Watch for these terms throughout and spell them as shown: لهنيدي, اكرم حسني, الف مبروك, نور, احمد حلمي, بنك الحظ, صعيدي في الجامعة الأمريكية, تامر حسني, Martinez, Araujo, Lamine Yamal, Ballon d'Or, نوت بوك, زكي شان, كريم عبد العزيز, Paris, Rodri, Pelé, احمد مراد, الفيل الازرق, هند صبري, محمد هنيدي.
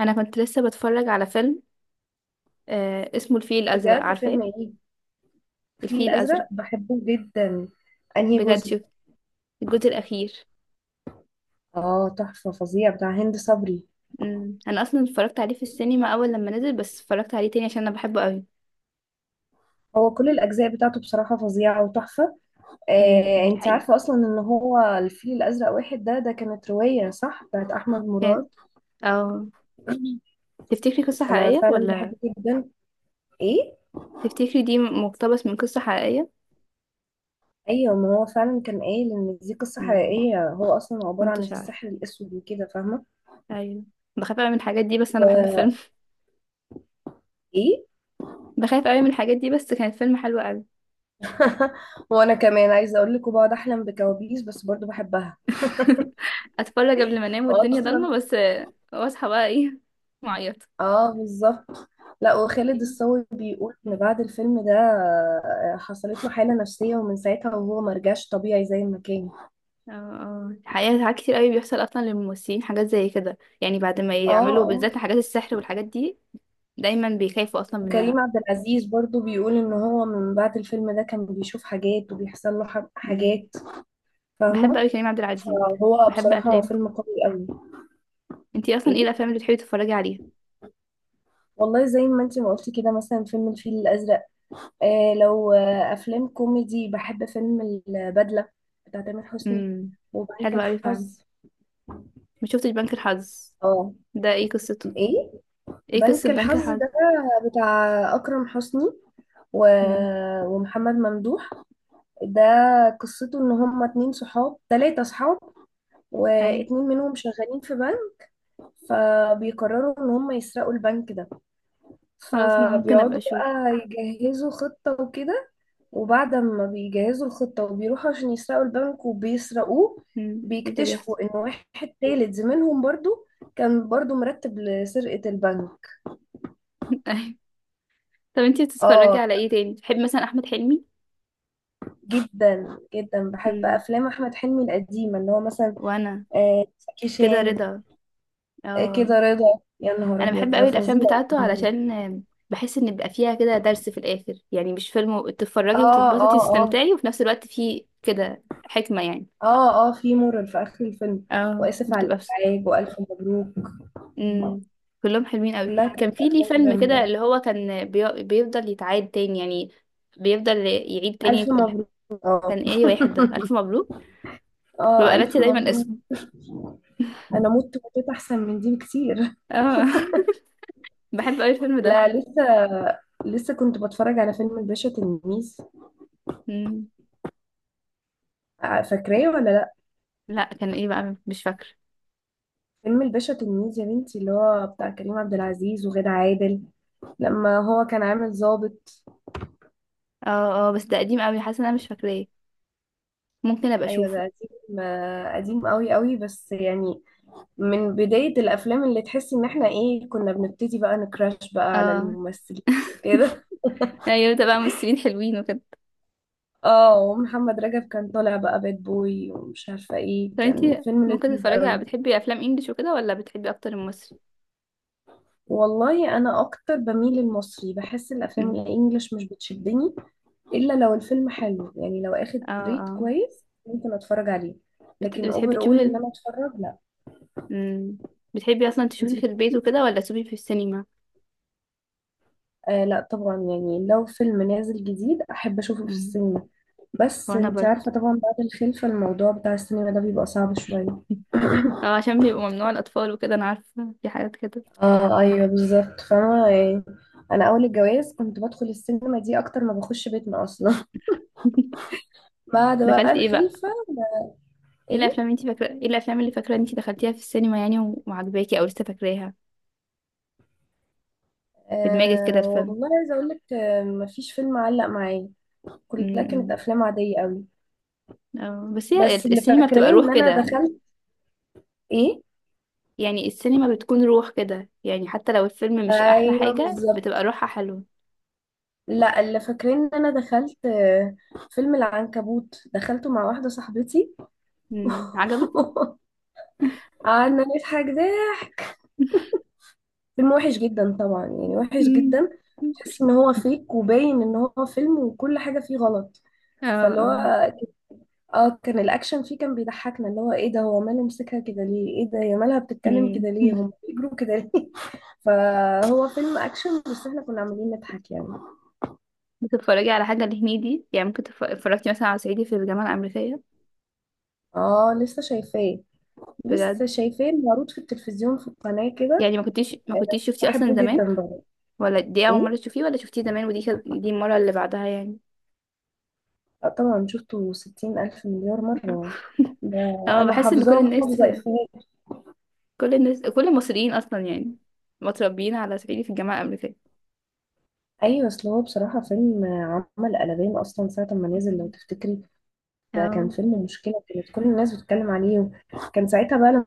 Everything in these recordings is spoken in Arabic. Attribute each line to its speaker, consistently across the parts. Speaker 1: انا كنت لسه بتفرج على فيلم. اسمه الفيل الازرق،
Speaker 2: بجد
Speaker 1: عارفاه؟
Speaker 2: فيلم ايه؟ الفيل
Speaker 1: الفيل الازرق.
Speaker 2: الازرق، بحبه جدا. انهي
Speaker 1: بجد،
Speaker 2: جزء؟
Speaker 1: شوف الجزء الاخير.
Speaker 2: اه، تحفه فظيع بتاع هند صبري.
Speaker 1: انا اصلا اتفرجت عليه في السينما اول لما نزل، بس اتفرجت عليه تاني عشان انا بحبه قوي.
Speaker 2: هو كل الاجزاء بتاعته بصراحه فظيعه وتحفه.
Speaker 1: دي
Speaker 2: انت
Speaker 1: حقيقة؟
Speaker 2: عارفه اصلا ان هو الفيل الازرق واحد ده كانت روايه صح بتاعت احمد
Speaker 1: كان،
Speaker 2: مراد.
Speaker 1: او، تفتكري قصة
Speaker 2: انا
Speaker 1: حقيقية
Speaker 2: فعلا
Speaker 1: ولا؟
Speaker 2: بحبه جدا. ايه،
Speaker 1: تفتكري دي مقتبس من قصة حقيقية؟
Speaker 2: ايوه، ما هو فعلا كان قايل ان دي قصه
Speaker 1: امم
Speaker 2: حقيقيه، هو اصلا عباره عن
Speaker 1: كنتش عارفة.
Speaker 2: السحر الاسود وكده، فاهمه؟
Speaker 1: ايوه. بخاف قوي من الحاجات دي بس انا بحب الفيلم.
Speaker 2: وايه؟
Speaker 1: بخاف قوي من الحاجات دي بس كان الفيلم حلو قوي.
Speaker 2: وانا كمان عايزه اقول لك، وبقعد احلم بكوابيس بس برضو بحبها.
Speaker 1: اتفرج قبل ما انام والدنيا
Speaker 2: واصلا
Speaker 1: ضلمة بس واصحى بقى ايه؟ معيط.
Speaker 2: اه، بالظبط. لا، وخالد الصاوي بيقول ان بعد الفيلم ده حصلت له حالة نفسية ومن ساعتها وهو مرجعش طبيعي زي ما كان.
Speaker 1: اه اه، الحقيقة ساعات كتير قوي بيحصل اصلا للممثلين حاجات زي كده، بعد ما
Speaker 2: اه
Speaker 1: يعملوا
Speaker 2: اه.
Speaker 1: بالذات حاجات السحر والحاجات دي. دايما بيخافوا اصلا منها.
Speaker 2: وكريم عبد العزيز برضو بيقول ان هو من بعد الفيلم ده كان بيشوف حاجات وبيحصل له
Speaker 1: مم.
Speaker 2: حاجات،
Speaker 1: بحب
Speaker 2: فاهمة؟
Speaker 1: قوي كريم عبد العزيز.
Speaker 2: فهو
Speaker 1: بحب
Speaker 2: بصراحة هو
Speaker 1: افلام.
Speaker 2: فيلم قوي قوي.
Speaker 1: انتي اصلا ايه
Speaker 2: ايه،
Speaker 1: الافلام اللي بتحبي تتفرجي عليها؟
Speaker 2: والله زي ما انتي ما قلتي كده، مثلا فيلم الفيل الأزرق. لو أفلام كوميدي، بحب فيلم البدلة بتاع تامر حسني،
Speaker 1: امم
Speaker 2: وبنك
Speaker 1: حلوة قوي فعلا.
Speaker 2: الحظ.
Speaker 1: ما شفتش بنك الحظ.
Speaker 2: اه.
Speaker 1: ده ايه قصته؟
Speaker 2: ايه
Speaker 1: ايه قصة
Speaker 2: بنك
Speaker 1: بنك
Speaker 2: الحظ
Speaker 1: الحظ؟
Speaker 2: ده؟ بتاع اكرم حسني و...
Speaker 1: امم.
Speaker 2: ومحمد ممدوح. ده قصته ان هما اتنين صحاب، تلاتة صحاب،
Speaker 1: اي.
Speaker 2: واتنين منهم شغالين في بنك، فبيقرروا ان هما يسرقوا البنك ده.
Speaker 1: خلاص، انا ممكن ابقى
Speaker 2: فبيقعدوا
Speaker 1: اشوف.
Speaker 2: بقى يجهزوا خطة وكده، وبعد ما بيجهزوا الخطة وبيروحوا عشان يسرقوا البنك وبيسرقوه،
Speaker 1: امم، ايه اللي بيحصل؟
Speaker 2: بيكتشفوا ان واحد تالت زميلهم برضو كان برضو مرتب لسرقة البنك.
Speaker 1: اي. طب انتي بتتفرجي
Speaker 2: اه،
Speaker 1: على ايه تاني؟ بتحبي مثلا احمد حلمي؟
Speaker 2: جدا جدا بحب
Speaker 1: امم.
Speaker 2: افلام احمد حلمي القديمه اللي هو مثلا
Speaker 1: وانا
Speaker 2: زكي
Speaker 1: كده
Speaker 2: شان،
Speaker 1: رضا. اه،
Speaker 2: كده رضا، يا نهار
Speaker 1: انا
Speaker 2: ابيض
Speaker 1: بحب
Speaker 2: ده
Speaker 1: قوي الافلام
Speaker 2: فظيع.
Speaker 1: بتاعته علشان بحس ان بيبقى فيها كده درس في الاخر، مش فيلم
Speaker 2: اه
Speaker 1: تتفرجي وتتبسطي
Speaker 2: اه اه.
Speaker 1: وتستمتعي، وفي نفس الوقت فيه كده حكمة يعني.
Speaker 2: اه اه، في مرر في اخر الفيلم.
Speaker 1: اه
Speaker 2: واسف على
Speaker 1: بتبقى بس...
Speaker 2: الازعاج، والف مبروك.
Speaker 1: مم. كلهم حلوين قوي.
Speaker 2: كلها
Speaker 1: كان
Speaker 2: كانت
Speaker 1: في ليه
Speaker 2: افلام
Speaker 1: فيلم كده
Speaker 2: جامده.
Speaker 1: اللي هو كان بيفضل يتعاد تاني يعني، بيفضل يعيد تاني.
Speaker 2: الف مبروك. اه
Speaker 1: كان ايه واحد ده؟ الف مبروك.
Speaker 2: اه،
Speaker 1: ببقى
Speaker 2: الف
Speaker 1: ناسية دايما
Speaker 2: مبروك.
Speaker 1: اسمه.
Speaker 2: انا مت، متت احسن من دي بكتير.
Speaker 1: اه. بحب قوي الفيلم ده.
Speaker 2: لا لسه، لسه كنت بتفرج على فيلم الباشا تلميذ.
Speaker 1: مم.
Speaker 2: فاكراه ولا؟
Speaker 1: لا كان ايه بقى؟ مش فاكره.
Speaker 2: فيلم الباشا تلميذ يا بنتي، اللي هو بتاع كريم عبد العزيز وغادة عادل، لما هو كان عامل ضابط.
Speaker 1: اه اه، بس ده قديم قوي، حاسه ان انا مش فاكراه. ممكن ابقى
Speaker 2: ايوه ده
Speaker 1: اشوفه.
Speaker 2: قديم، قديم قوي قوي، بس يعني من بداية الافلام اللي تحسي ان احنا ايه، كنا بنبتدي بقى نكراش بقى على
Speaker 1: اه.
Speaker 2: الممثلين كده.
Speaker 1: ايوه، ده بقى ممثلين حلوين وكده.
Speaker 2: اه، ومحمد رجب كان طالع بقى باد بوي ومش عارفة ايه،
Speaker 1: طب
Speaker 2: كان
Speaker 1: انتي
Speaker 2: فيلم
Speaker 1: ممكن
Speaker 2: لذيذ
Speaker 1: تتفرجي على،
Speaker 2: قوي.
Speaker 1: بتحبي افلام انجلش وكده ولا بتحبي اكتر المصري؟
Speaker 2: والله انا اكتر بميل للمصري، بحس الافلام
Speaker 1: امم.
Speaker 2: الانجليش مش بتشدني، الا لو الفيلم حلو يعني، لو اخد
Speaker 1: اه
Speaker 2: ريت
Speaker 1: اه.
Speaker 2: كويس ممكن اتفرج عليه. لكن
Speaker 1: بتحبي
Speaker 2: اوفر اول ان
Speaker 1: تشوفي.
Speaker 2: انا اتفرج، لا.
Speaker 1: امم. بتحبي اصلا تشوفي
Speaker 2: انتي
Speaker 1: في البيت
Speaker 2: بتحبي؟
Speaker 1: وكده ولا تشوفي في السينما؟
Speaker 2: لا طبعا، يعني لو فيلم نازل جديد احب اشوفه في
Speaker 1: امم.
Speaker 2: السينما، بس
Speaker 1: وانا
Speaker 2: انت
Speaker 1: برضه.
Speaker 2: عارفة طبعا بعد الخلفة الموضوع بتاع السينما ده بيبقى صعب شوية.
Speaker 1: اه، عشان بيبقوا ممنوع الاطفال وكده، انا عارفه في حاجات كده.
Speaker 2: اه ايوه بالظبط، فاهمة يعني. انا اول الجواز كنت بدخل السينما دي اكتر ما بخش بيتنا اصلا. بعد بقى
Speaker 1: دخلتي ايه بقى؟
Speaker 2: الخلفة.
Speaker 1: ايه
Speaker 2: ايه؟
Speaker 1: الافلام، انتي فاكره ايه الافلام اللي فاكره انتي دخلتيها في السينما يعني وعجباكي او لسه فاكراها في دماغك كده
Speaker 2: آه
Speaker 1: الفيلم؟
Speaker 2: والله عايزة اقول لك، مفيش فيلم علق معايا.
Speaker 1: امم.
Speaker 2: كلها كانت
Speaker 1: أمم.
Speaker 2: افلام عادية قوي.
Speaker 1: اه بس هي
Speaker 2: بس اللي
Speaker 1: السينما
Speaker 2: فاكرين
Speaker 1: بتبقى روح
Speaker 2: ان انا
Speaker 1: كده.
Speaker 2: دخلت، ايه،
Speaker 1: يعني السينما بتكون روح كده، يعني حتى لو الفيلم مش احلى
Speaker 2: ايوه
Speaker 1: حاجة بتبقى
Speaker 2: بالظبط.
Speaker 1: روحها حلوة.
Speaker 2: لا، اللي فاكرين ان انا دخلت فيلم العنكبوت، دخلته مع واحده صاحبتي.
Speaker 1: امم، عجبك؟
Speaker 2: قعدنا نضحك ضحك. فيلم وحش جدا طبعا، يعني وحش
Speaker 1: مم.
Speaker 2: جدا. تحس ان هو فيك، وباين ان هو فيلم وكل حاجه فيه غلط.
Speaker 1: اه
Speaker 2: فاللي هو
Speaker 1: اه.
Speaker 2: اه، كان الاكشن فيه كان بيضحكنا، اللي هو ايه ده، هو ماله مسكها كده ليه، ايه ده هي مالها بتتكلم
Speaker 1: مم.
Speaker 2: كده ليه، هم بيجروا كده ليه؟ فهو فيلم اكشن بس احنا كنا عاملين نضحك يعني.
Speaker 1: بتتفرجي على حاجة لهنيدي؟ يعني ممكن اتفرجتي مثلا على صعيدي في الجامعة الأمريكية؟
Speaker 2: اه لسه شايفاه،
Speaker 1: بجد؟
Speaker 2: لسه شايفاه معروض في التلفزيون في القناة كده.
Speaker 1: يعني ما
Speaker 2: آه،
Speaker 1: كنتيش شفتيه أصلا
Speaker 2: بحبه
Speaker 1: زمان؟
Speaker 2: جدا بقى.
Speaker 1: ولا دي أول
Speaker 2: ايه؟
Speaker 1: مرة تشوفيه ولا شفتيه زمان دي المرة اللي بعدها يعني؟
Speaker 2: طبعا شفته 60 ألف مليار مرة ده.
Speaker 1: اه،
Speaker 2: أنا
Speaker 1: بحس إن
Speaker 2: حافظاه
Speaker 1: كل الناس،
Speaker 2: وحافظة إفيهات.
Speaker 1: كل المصريين أصلا يعني متربيين على صعيدي في الجامعة الأمريكية.
Speaker 2: أيوة، أصل هو بصراحة فيلم، عمل قلبان أصلا ساعة ما نزل لو
Speaker 1: مم.
Speaker 2: تفتكري. ده كان
Speaker 1: اه.
Speaker 2: فيلم مشكلة، كانت كل الناس بتتكلم عليه، وكان ساعتها بقى لما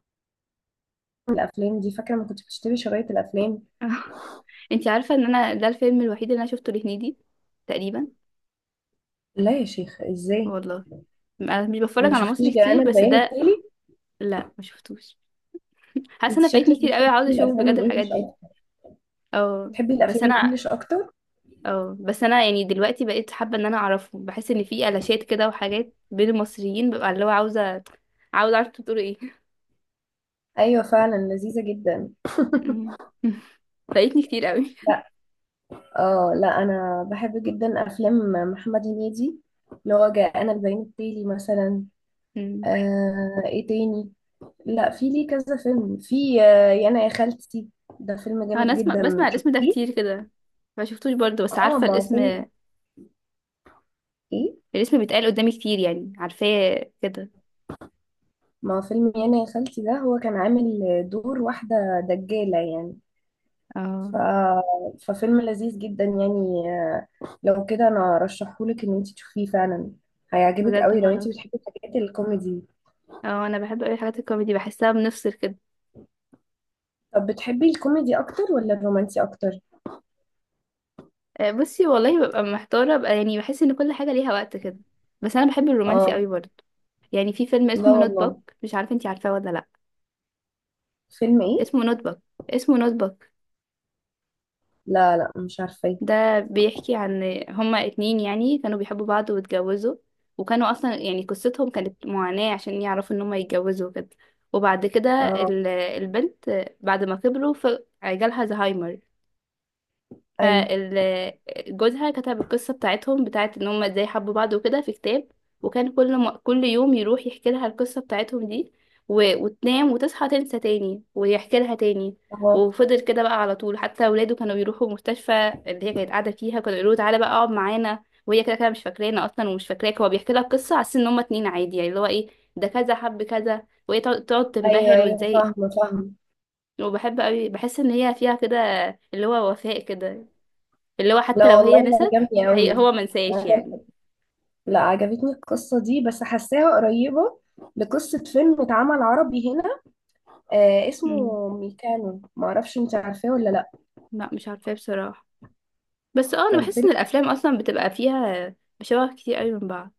Speaker 2: الأفلام دي، فاكرة ما كنت بتشتري شرايط الأفلام.
Speaker 1: انتي عارفة ان انا ده الفيلم الوحيد اللي انا شفته لهنيدي تقريبا.
Speaker 2: لا يا شيخ إزاي!
Speaker 1: والله انا مش بتفرج
Speaker 2: ما
Speaker 1: على مصري
Speaker 2: شفتيش جاءنا
Speaker 1: كتير بس
Speaker 2: البيان
Speaker 1: ده.
Speaker 2: التالي؟
Speaker 1: لا ما شفتوش. حاسة
Speaker 2: انت
Speaker 1: انا فايتني
Speaker 2: شكلك
Speaker 1: كتير قوي،
Speaker 2: بتحبي
Speaker 1: عاوزة اشوف
Speaker 2: الأفلام
Speaker 1: بجد الحاجات
Speaker 2: الإنجليش،
Speaker 1: دي. اه.
Speaker 2: تحبي
Speaker 1: بس
Speaker 2: الافلام
Speaker 1: انا
Speaker 2: الانجليش اكتر.
Speaker 1: اه، بس انا يعني دلوقتي بقيت حابة ان انا اعرفه، بحس ان في قلاشات كده وحاجات بين المصريين ببقى اللي هو عاوزة، عاوزة اعرف انتوا بتقولوا ايه.
Speaker 2: ايوه فعلا، لذيذه جدا.
Speaker 1: مم. فايتني كتير قوي.
Speaker 2: لا، اه لا، انا بحب جدا افلام محمد هنيدي، اللي هو جاءنا البيان التالي مثلا.
Speaker 1: مم.
Speaker 2: آه، ايه تاني؟ لا، في ليه كذا فيلم، في آه يانا يا خالتي، ده فيلم
Speaker 1: انا
Speaker 2: جامد
Speaker 1: اسمع،
Speaker 2: جدا،
Speaker 1: بسمع الاسم ده
Speaker 2: شفتيه؟
Speaker 1: كتير كده. ما شفتوش برضه بس
Speaker 2: اه
Speaker 1: عارفة
Speaker 2: ما
Speaker 1: الاسم.
Speaker 2: فيلم، ايه،
Speaker 1: الاسم بيتقال قدامي كتير يعني، عارفاه كده.
Speaker 2: ما فيلم يانا يا خالتي ده، هو كان عامل دور واحده دجاله يعني. ف...
Speaker 1: اه.
Speaker 2: ففيلم لذيذ جدا يعني. لو كده انا ارشحهولك ان انت تشوفيه فعلا، هيعجبك
Speaker 1: بجد؟
Speaker 2: قوي لو انت
Speaker 1: خلاص.
Speaker 2: بتحبي الحاجات الكوميدي.
Speaker 1: اه انا بحب اوي حاجات الكوميدي، بحسها بنفصل كده.
Speaker 2: طب بتحبي الكوميدي اكتر ولا الرومانسي اكتر؟
Speaker 1: بصي، والله ببقى محتاره، ببقى يعني بحس ان كل حاجه ليها وقت كده. بس انا بحب الرومانسي
Speaker 2: اه
Speaker 1: قوي برضه. يعني في فيلم
Speaker 2: لا
Speaker 1: اسمه نوت بوك،
Speaker 2: والله.
Speaker 1: مش عارفه انتي عارفاه ولا لا.
Speaker 2: فيلم ايه؟
Speaker 1: اسمه نوت بوك. اسمه نوت بوك.
Speaker 2: لا لا، مش عارفه.
Speaker 1: ده بيحكي عن، هما اتنين يعني كانوا بيحبوا بعض واتجوزوا، وكانوا اصلا يعني قصتهم كانت معاناة عشان يعرفوا ان هما يتجوزوا كده. وبعد كده
Speaker 2: اه،
Speaker 1: البنت بعد ما كبروا جالها زهايمر.
Speaker 2: ايوه.
Speaker 1: فجوزها كتب القصة بتاعتهم بتاعت ان هما ازاي حبوا بعض وكده في كتاب. وكان كل يوم يروح يحكي لها القصة بتاعتهم دي، وتنام وتصحى تنسى تاني ويحكي لها تاني.
Speaker 2: اه،
Speaker 1: وفضل كده بقى على طول، حتى ولاده كانوا بيروحوا المستشفى اللي هي كانت قاعدة فيها كانوا يقولوا له تعالى بقى اقعد معانا، وهي كده كده مش فاكرانا اصلا ومش فاكراك، هو بيحكي لها القصة على أساس ان هما اتنين عادي، يعني اللي هو ايه، ده كذا حب كذا، وهي تقعد، تقعد
Speaker 2: ايوه
Speaker 1: تنبهر
Speaker 2: ايوه،
Speaker 1: وازاي.
Speaker 2: فاهمه فاهمه.
Speaker 1: وبحب قوي، بحس ان هي فيها كده اللي هو وفاء كده، اللي هو حتى
Speaker 2: لا
Speaker 1: لو هي
Speaker 2: والله
Speaker 1: نسيت
Speaker 2: عجبني
Speaker 1: هي
Speaker 2: قوي.
Speaker 1: هو منساش
Speaker 2: عجب...
Speaker 1: يعني.
Speaker 2: لا، عجبتني القصه دي، بس حاساها قريبه لقصه فيلم اتعمل عربي هنا، آه
Speaker 1: مم.
Speaker 2: اسمه ميكانو، ما اعرفش انت عارفاه ولا لا.
Speaker 1: لا مش عارفاه بصراحة. بس اه انا
Speaker 2: كان
Speaker 1: بحس
Speaker 2: فيلم،
Speaker 1: ان الافلام اصلا بتبقى فيها مشابه كتير قوي من بعض.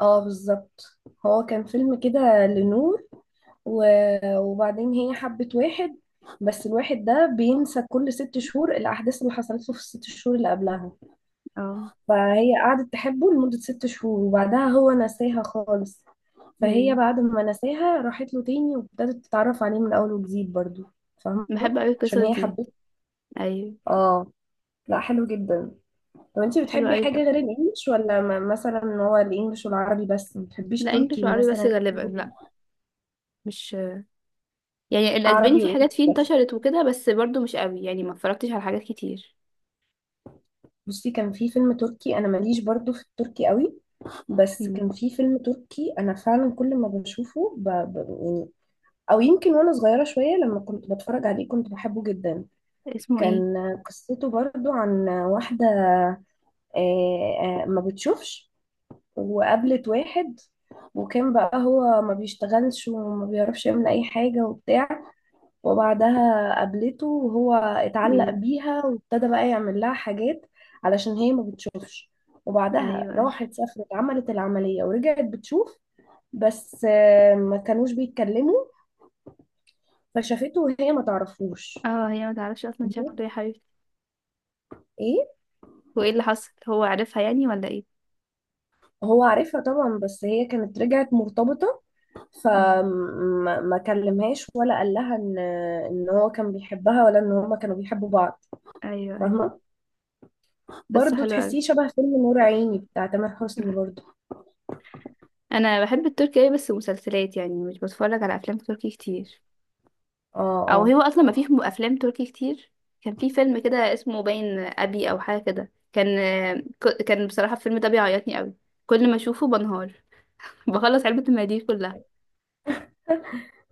Speaker 2: اه بالظبط. هو كان فيلم كده لنور و... وبعدين هي حبت واحد، بس الواحد ده بينسى كل 6 شهور الأحداث اللي حصلت له في ال6 شهور اللي قبلها.
Speaker 1: اه.
Speaker 2: فهي قعدت تحبه لمدة 6 شهور، وبعدها هو نساها خالص. فهي
Speaker 1: امم.
Speaker 2: بعد ما نساها راحت له تاني، وابتدت تتعرف عليه من أول وجديد برضو، فاهمة؟
Speaker 1: بحب قوي القصص
Speaker 2: عشان هي
Speaker 1: دي.
Speaker 2: حبته.
Speaker 1: ايوه.
Speaker 2: اه، لا حلو جدا. طب انتي
Speaker 1: حلوة
Speaker 2: بتحبي
Speaker 1: قوي
Speaker 2: حاجة
Speaker 1: فعلا.
Speaker 2: غير الانجليش، ولا مثلا هو الانجليش والعربي بس، ما بتحبيش
Speaker 1: لا
Speaker 2: تركي
Speaker 1: انجلش وعربي بس
Speaker 2: مثلا،
Speaker 1: غالبا،
Speaker 2: كوري؟
Speaker 1: لا مش، يعني الاسباني
Speaker 2: عربي
Speaker 1: في حاجات
Speaker 2: وانجليش
Speaker 1: فيه
Speaker 2: بس.
Speaker 1: انتشرت وكده بس برضو مش قوي يعني، ما اتفرجتش على حاجات كتير.
Speaker 2: بصي كان في فيلم تركي، انا ماليش برضو في التركي قوي، بس كان
Speaker 1: امم.
Speaker 2: في فيلم تركي انا فعلا كل ما بشوفه يعني، او يمكن وانا صغيرة شوية لما كنت بتفرج عليه كنت بحبه جدا.
Speaker 1: اسمه ايه؟
Speaker 2: كان قصته برضو عن واحدة ما بتشوفش، وقابلت واحد، وكان بقى هو ما بيشتغلش وما بيعرفش يعمل اي حاجة وبتاع، وبعدها قابلته وهو اتعلق
Speaker 1: امم.
Speaker 2: بيها وابتدى بقى يعمل لها حاجات علشان هي ما بتشوفش. وبعدها
Speaker 1: ايوه. أيوة.
Speaker 2: راحت سافرت عملت العملية ورجعت بتشوف، بس ما كانوش بيتكلموا. فشافته وهي ما تعرفوش.
Speaker 1: اه هي ما تعرفش اصلا شكله
Speaker 2: مهم.
Speaker 1: يا حبيبتي.
Speaker 2: ايه؟
Speaker 1: وايه اللي حصل؟ هو عارفها يعني ولا ايه؟
Speaker 2: هو عارفها طبعا، بس هي كانت رجعت مرتبطة،
Speaker 1: مم.
Speaker 2: فما ما كلمهاش ولا قال لها ان، ان هو كان بيحبها ولا ان هما كانوا بيحبوا بعض،
Speaker 1: ايوه ايوه.
Speaker 2: فاهمة؟
Speaker 1: قصة
Speaker 2: برضه
Speaker 1: حلوة قوي.
Speaker 2: تحسيه شبه فيلم نور عيني بتاع تامر حسني برضه.
Speaker 1: انا بحب التركي أوي بس مسلسلات، يعني مش بتفرج على افلام تركي كتير.
Speaker 2: اه
Speaker 1: او
Speaker 2: اه.
Speaker 1: هو اصلا ما فيش افلام تركي كتير. كان في فيلم كده اسمه باين ابي او حاجه كده، كان، كان بصراحه الفيلم ده بيعيطني قوي. كل ما اشوفه بنهار. بخلص علبه المناديل كلها.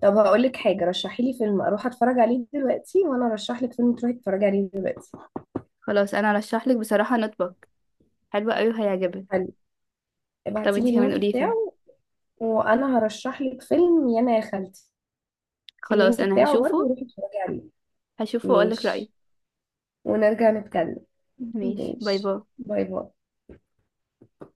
Speaker 2: طب هقول لك حاجه، رشحي لي فيلم اروح اتفرج عليه دلوقتي، وانا ارشح لك فيلم تروحي تتفرجي عليه دلوقتي.
Speaker 1: خلاص انا ارشح لك بصراحه نطبق. حلوه قوي وهيعجبك.
Speaker 2: حلو،
Speaker 1: طب
Speaker 2: ابعتي لي
Speaker 1: انتي كمان
Speaker 2: اللينك
Speaker 1: قولي فيلم.
Speaker 2: بتاعه، وانا هرشح لك فيلم يانا يا خالتي،
Speaker 1: خلاص
Speaker 2: اللينك
Speaker 1: انا
Speaker 2: بتاعه برضه
Speaker 1: هشوفه.
Speaker 2: روحي اتفرجي عليه.
Speaker 1: هشوفه واقول لك رايي.
Speaker 2: ماشي، ونرجع نتكلم.
Speaker 1: ماشي. باي
Speaker 2: ماشي،
Speaker 1: باي.
Speaker 2: باي باي.